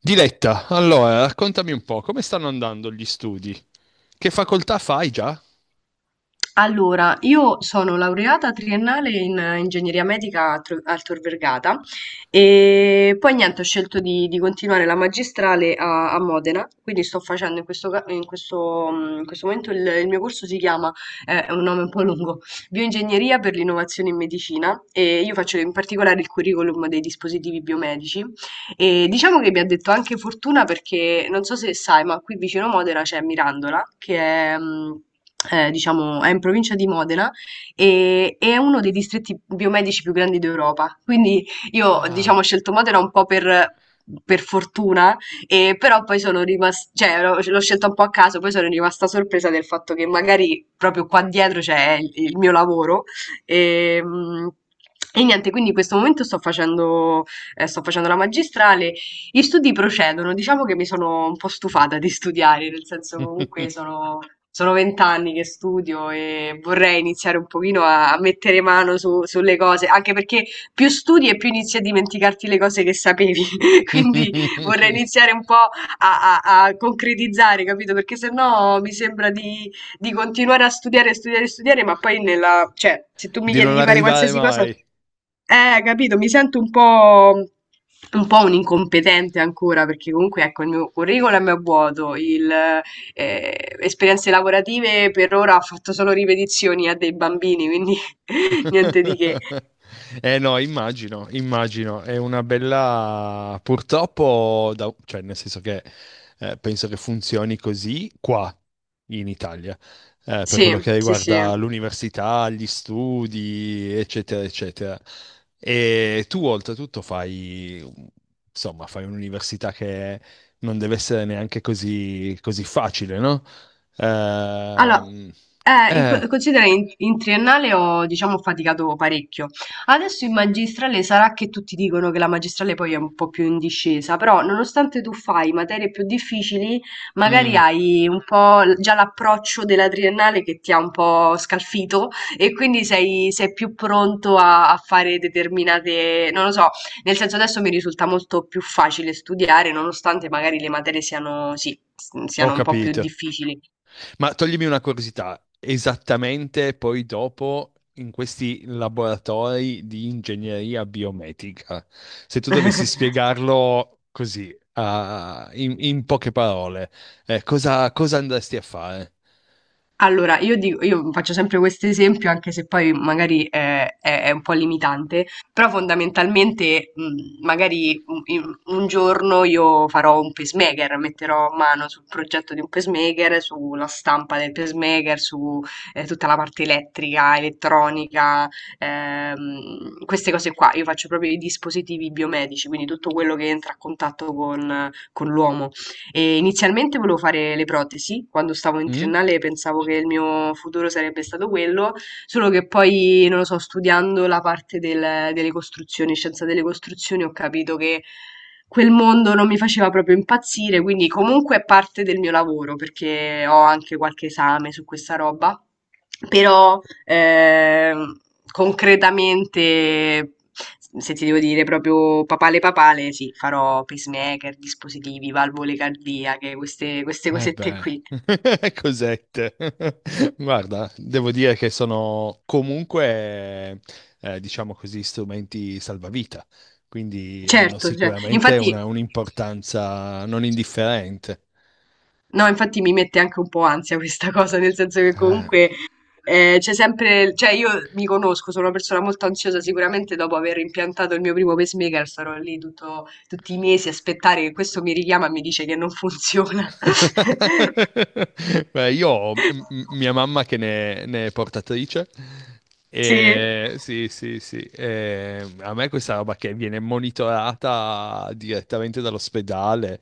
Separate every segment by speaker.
Speaker 1: Diletta, allora raccontami un po', come stanno andando gli studi? Che facoltà fai già?
Speaker 2: Allora, io sono laureata triennale in ingegneria medica a al Tor Vergata e poi niente, ho scelto di continuare la magistrale a Modena, quindi sto facendo in questo, in questo momento il mio corso si chiama, è un nome un po' lungo, Bioingegneria per l'innovazione in medicina e io faccio in particolare il curriculum dei dispositivi biomedici e diciamo che mi ha detto anche fortuna perché non so se sai, ma qui vicino Modena c'è Mirandola, che è, diciamo, è in provincia di Modena e è uno dei distretti biomedici più grandi d'Europa. Quindi io, diciamo,
Speaker 1: Ah.
Speaker 2: ho scelto Modena un po' per. Per fortuna, e però poi sono rimasta, cioè l'ho scelta un po' a caso, poi sono rimasta sorpresa del fatto che magari proprio qua dietro c'è il mio lavoro. E, mh, e niente, quindi in questo momento sto facendo la magistrale, gli studi procedono, diciamo che mi sono un po' stufata di studiare, nel senso comunque sono... Sono 20 anni che studio e vorrei iniziare un pochino a mettere mano sulle cose, anche perché più studi e più inizi a dimenticarti le cose che sapevi. Quindi vorrei iniziare un po' a concretizzare, capito? Perché sennò mi sembra di continuare a studiare, studiare, studiare, ma poi nella, cioè, se tu mi
Speaker 1: Di
Speaker 2: chiedi
Speaker 1: non
Speaker 2: di fare
Speaker 1: arrivare
Speaker 2: qualsiasi cosa,
Speaker 1: mai.
Speaker 2: capito, mi sento un po', un po' un incompetente ancora perché comunque ecco il mio curriculum è vuoto, esperienze lavorative per ora ho fatto solo ripetizioni a dei bambini, quindi niente di che.
Speaker 1: Eh no, immagino, immagino, è una bella... purtroppo, da- cioè nel senso che penso che funzioni così qua in Italia, per
Speaker 2: Sì,
Speaker 1: quello che
Speaker 2: sì, sì.
Speaker 1: riguarda l'università, gli studi, eccetera, eccetera. E tu oltretutto fai, insomma, fai un'università che non deve essere neanche così, così facile, no?
Speaker 2: Allora,
Speaker 1: Ehm, eh,
Speaker 2: considera in triennale ho, diciamo, faticato parecchio. Adesso in magistrale sarà che tutti dicono che la magistrale poi è un po' più in discesa, però nonostante tu fai materie più difficili, magari
Speaker 1: mm,
Speaker 2: hai un po' già l'approccio della triennale che ti ha un po' scalfito e quindi sei più pronto a fare determinate, non lo so, nel senso adesso mi risulta molto più facile studiare, nonostante magari le materie siano, sì,
Speaker 1: ho
Speaker 2: siano un po' più
Speaker 1: capito.
Speaker 2: difficili.
Speaker 1: Ma toglimi una curiosità, esattamente poi dopo in questi laboratori di ingegneria biomedica, se tu dovessi spiegarlo così, a- in, in poche parole, cosa, cosa andresti a fare?
Speaker 2: Allora, io faccio sempre questo esempio, anche se poi magari è un po' limitante, però fondamentalmente magari un giorno io farò un pacemaker, metterò mano sul progetto di un pacemaker, sulla stampa del pacemaker, su tutta la parte elettrica, elettronica, queste cose qua. Io faccio proprio i dispositivi biomedici, quindi tutto quello che entra a contatto con l'uomo. E inizialmente volevo fare le protesi, quando stavo in
Speaker 1: Mm?
Speaker 2: triennale pensavo che il mio futuro sarebbe stato quello, solo che poi, non lo so, studiando la parte delle costruzioni, scienza delle costruzioni, ho capito che quel mondo non mi faceva proprio impazzire, quindi comunque è parte del mio lavoro, perché ho anche qualche esame su questa roba. Però ehm, concretamente, se ti devo dire proprio papale papale, sì, farò pacemaker, dispositivi, valvole cardiache, queste, queste
Speaker 1: Eh
Speaker 2: cosette
Speaker 1: beh,
Speaker 2: qui.
Speaker 1: cosette. Guarda, devo dire che sono comunque, diciamo così, strumenti salvavita, quindi hanno
Speaker 2: Certo, cioè,
Speaker 1: sicuramente
Speaker 2: infatti...
Speaker 1: una- un'importanza non indifferente.
Speaker 2: No, infatti mi mette anche un po' ansia questa cosa, nel senso che
Speaker 1: Eh,
Speaker 2: comunque c'è sempre, cioè io mi conosco, sono una persona molto ansiosa, sicuramente dopo aver impiantato il mio primo pacemaker sarò lì tutti i mesi a aspettare che questo mi richiama e mi dice che non funziona.
Speaker 1: beh, io ho m- mia mamma che ne, ne è portatrice
Speaker 2: Sì,
Speaker 1: e sì, sì, sì, e a me questa roba che viene monitorata direttamente dall'ospedale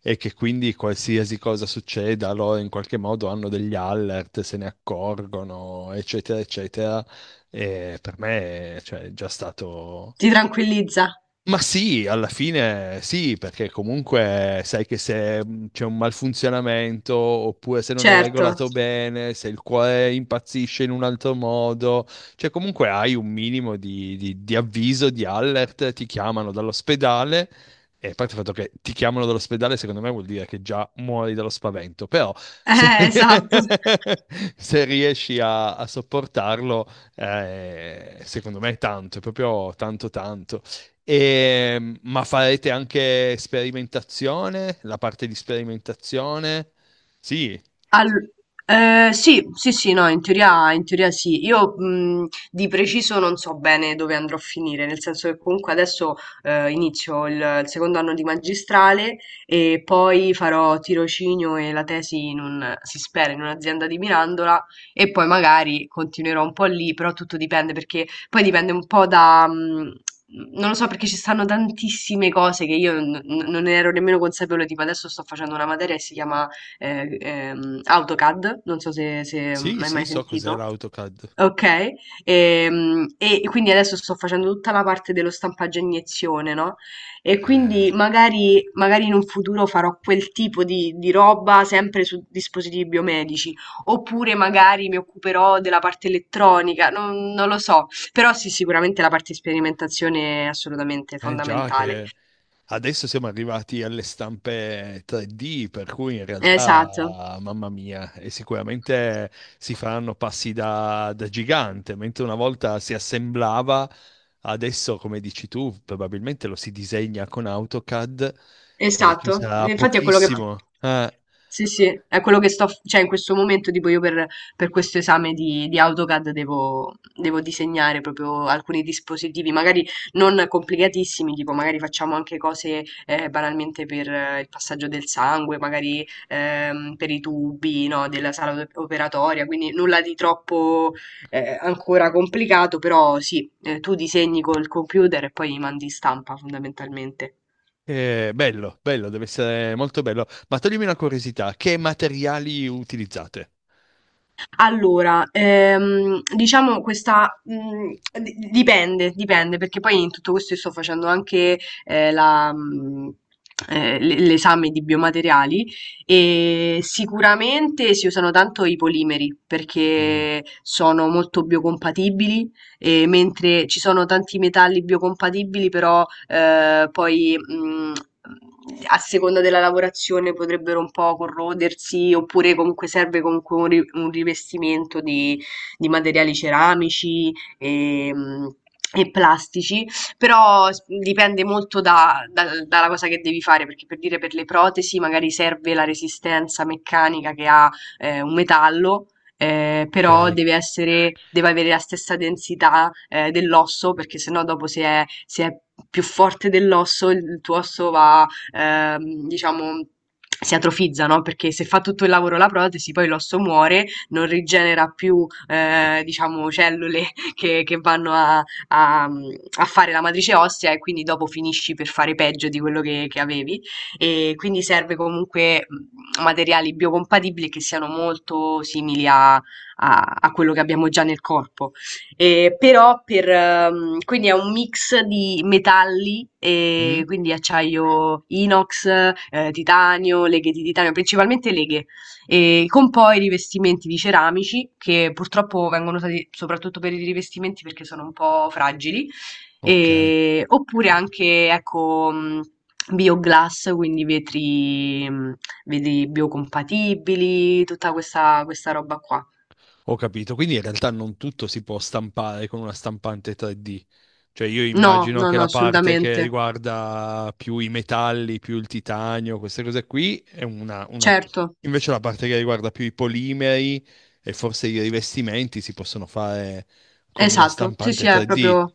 Speaker 1: e che quindi qualsiasi cosa succeda, loro in qualche modo hanno degli alert, se ne accorgono, eccetera, eccetera, e per me, cioè, è già stato
Speaker 2: ti tranquillizza,
Speaker 1: ma sì, alla fine sì, perché comunque sai che se c'è un malfunzionamento oppure se non è
Speaker 2: certo.
Speaker 1: regolato bene, se il cuore impazzisce in un altro modo, cioè comunque hai un minimo di avviso, di alert, ti chiamano dall'ospedale e a parte il fatto che ti chiamano dall'ospedale secondo me vuol dire che già muori dallo spavento, però se,
Speaker 2: Esatto.
Speaker 1: se riesci a, a sopportarlo, secondo me è tanto, è proprio tanto tanto. E, ma farete anche sperimentazione? La parte di sperimentazione? Sì,
Speaker 2: Al- sì, sì, sì, no, in teoria sì. Io di preciso non so bene dove andrò a finire, nel senso che comunque adesso inizio il secondo anno di magistrale e poi farò tirocinio e la tesi in un, si spera, in un'azienda di Mirandola e poi magari continuerò un po' lì, però tutto dipende perché poi dipende un po' da... Non lo so perché ci stanno tantissime cose che io non ne ero nemmeno consapevole, tipo adesso sto facendo una materia che si chiama AutoCAD, non so se
Speaker 1: sì,
Speaker 2: hai
Speaker 1: sì,
Speaker 2: mai
Speaker 1: so cos'è
Speaker 2: sentito.
Speaker 1: l'AutoCAD.
Speaker 2: Ok, quindi adesso sto facendo tutta la parte dello stampaggio a iniezione, no? E quindi magari, magari in un futuro farò quel tipo di roba sempre su dispositivi biomedici, oppure magari mi occuperò della parte elettronica, non lo so, però sì, sicuramente la parte di sperimentazione è assolutamente
Speaker 1: Eh già
Speaker 2: fondamentale.
Speaker 1: che adesso siamo arrivati alle stampe 3D, per cui in
Speaker 2: Esatto.
Speaker 1: realtà, mamma mia, e sicuramente si faranno passi da, da gigante, mentre una volta si assemblava, adesso, come dici tu, probabilmente lo si disegna con AutoCAD e ci
Speaker 2: Esatto,
Speaker 1: sarà
Speaker 2: e infatti è quello che esatto.
Speaker 1: pochissimo. Eh.
Speaker 2: Sì, sì, è quello che sto, cioè in questo momento tipo io per questo esame di AutoCAD devo, devo disegnare proprio alcuni dispositivi, magari non complicatissimi, tipo magari facciamo anche cose banalmente per il passaggio del sangue, magari per i tubi, no, della sala operatoria, quindi nulla di troppo ancora complicato, però sì, tu disegni col computer e poi mandi in stampa fondamentalmente.
Speaker 1: Bello, bello, deve essere molto bello. Ma toglimi una curiosità, che materiali utilizzate?
Speaker 2: Allora, diciamo questa dipende, dipende, perché poi in tutto questo io sto facendo anche eh, la, mh, l'esame di biomateriali e sicuramente si usano tanto i polimeri
Speaker 1: Mm,
Speaker 2: perché sono molto biocompatibili e mentre ci sono tanti metalli biocompatibili, però poi a seconda della lavorazione potrebbero un po' corrodersi, oppure comunque serve comunque un rivestimento di materiali ceramici e, mh, e plastici, però dipende molto dalla cosa che devi fare, perché per dire per le protesi magari serve la resistenza meccanica che ha un metallo però
Speaker 1: ok.
Speaker 2: deve avere la stessa densità, dell'osso, perché sennò dopo se è più forte dell'osso, il tuo osso va, diciamo si atrofizza, no, perché se fa tutto il lavoro la protesi poi l'osso muore, non rigenera più, diciamo cellule che vanno a a fare la matrice ossea e quindi dopo finisci per fare peggio di quello che avevi e quindi serve comunque materiali biocompatibili che siano molto simili a quello che abbiamo già nel corpo. E però per, quindi è un mix di metalli, e
Speaker 1: Mm,
Speaker 2: quindi acciaio inox, titanio, leghe di titanio, principalmente leghe, e con poi rivestimenti di ceramici che purtroppo vengono usati soprattutto per i rivestimenti perché sono un po' fragili.
Speaker 1: ok,
Speaker 2: Oppure anche, ecco, Bioglass, quindi vetri, vetri biocompatibili, tutta questa, questa roba qua.
Speaker 1: ho capito. Quindi in realtà non tutto si può stampare con una stampante 3D. Cioè io
Speaker 2: No,
Speaker 1: immagino
Speaker 2: no,
Speaker 1: che
Speaker 2: no,
Speaker 1: la parte che
Speaker 2: assolutamente.
Speaker 1: riguarda più i metalli, più il titanio, queste cose qui, è una...
Speaker 2: Certo,
Speaker 1: Invece la parte che riguarda più i polimeri e forse i rivestimenti si possono fare con una
Speaker 2: esatto, sì,
Speaker 1: stampante
Speaker 2: sì, è
Speaker 1: 3D.
Speaker 2: proprio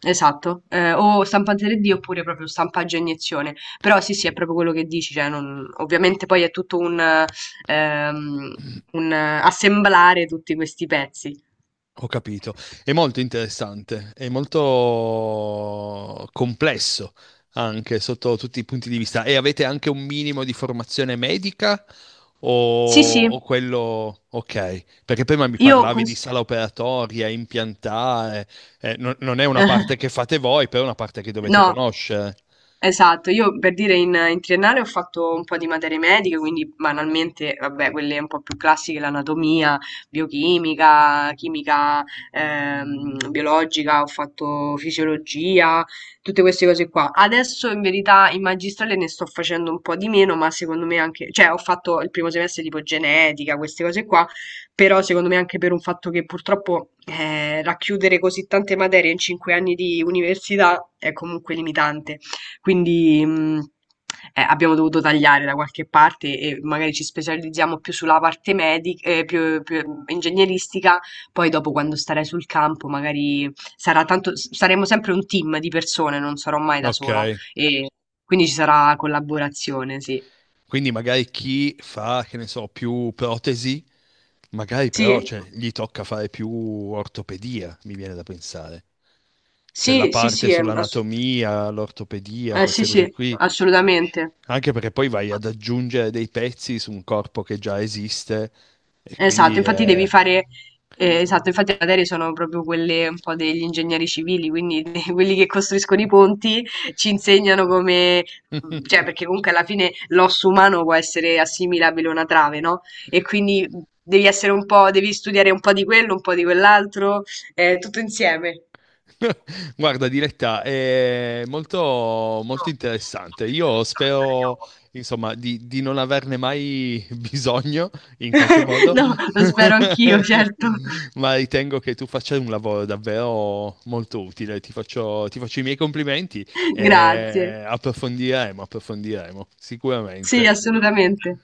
Speaker 2: esatto. Eh, o stampante 3D oppure proprio stampaggio a iniezione. Però sì, sì, è proprio quello che dici, cioè ovviamente poi è tutto ehm, un assemblare tutti questi pezzi.
Speaker 1: Ho capito. È molto interessante, è molto complesso anche sotto tutti i punti di vista. E avete anche un minimo di formazione medica
Speaker 2: Sì, sì,
Speaker 1: o quello... Ok, perché prima mi
Speaker 2: io...
Speaker 1: parlavi di sala operatoria, impiantare, non, non è una parte che fate voi, però è una parte che dovete
Speaker 2: No,
Speaker 1: conoscere.
Speaker 2: esatto. Io per dire in triennale ho fatto un po' di materie mediche, quindi banalmente, vabbè, quelle un po' più classiche, l'anatomia, biochimica, chimica biologica, ho fatto fisiologia, tutte queste cose qua. Adesso in verità in magistrale ne sto facendo un po' di meno, ma secondo me anche, cioè ho fatto il primo semestre tipo genetica, queste cose qua. Però secondo me anche per un fatto che purtroppo racchiudere così tante materie in 5 anni di università è comunque limitante. Quindi abbiamo dovuto tagliare da qualche parte e magari ci specializziamo più sulla parte medica, più ingegneristica. Poi dopo quando starai sul campo magari sarà tanto, saremo sempre un team di persone, non sarò mai da
Speaker 1: Ok,
Speaker 2: sola. E quindi ci sarà collaborazione, sì.
Speaker 1: quindi magari chi fa, che ne so, più protesi, magari però
Speaker 2: Sì?
Speaker 1: cioè, gli tocca fare più ortopedia, mi viene da pensare. Cioè la
Speaker 2: Sì, sì,
Speaker 1: parte
Speaker 2: sì,
Speaker 1: sull'anatomia, l'ortopedia,
Speaker 2: eh sì,
Speaker 1: queste
Speaker 2: sì,
Speaker 1: cose qui,
Speaker 2: assolutamente.
Speaker 1: anche perché poi vai ad aggiungere dei pezzi su un corpo che già esiste e
Speaker 2: Esatto,
Speaker 1: quindi
Speaker 2: infatti
Speaker 1: è...
Speaker 2: esatto, infatti le materie sono proprio quelle un po' degli ingegneri civili, quindi quelli che costruiscono i ponti ci insegnano come, cioè perché comunque alla fine l'osso umano può essere assimilabile a una trave, no? E quindi devi essere un po', devi studiare un po' di quello, un po' di quell'altro, tutto insieme.
Speaker 1: Guarda, Diletta, è molto, molto interessante. Io spero, insomma, di non averne mai bisogno in qualche modo,
Speaker 2: No, lo spero anch'io, certo.
Speaker 1: ma ritengo che tu faccia un lavoro davvero molto utile. Ti faccio i miei complimenti
Speaker 2: Grazie.
Speaker 1: e approfondiremo, approfondiremo,
Speaker 2: Sì,
Speaker 1: sicuramente.
Speaker 2: assolutamente.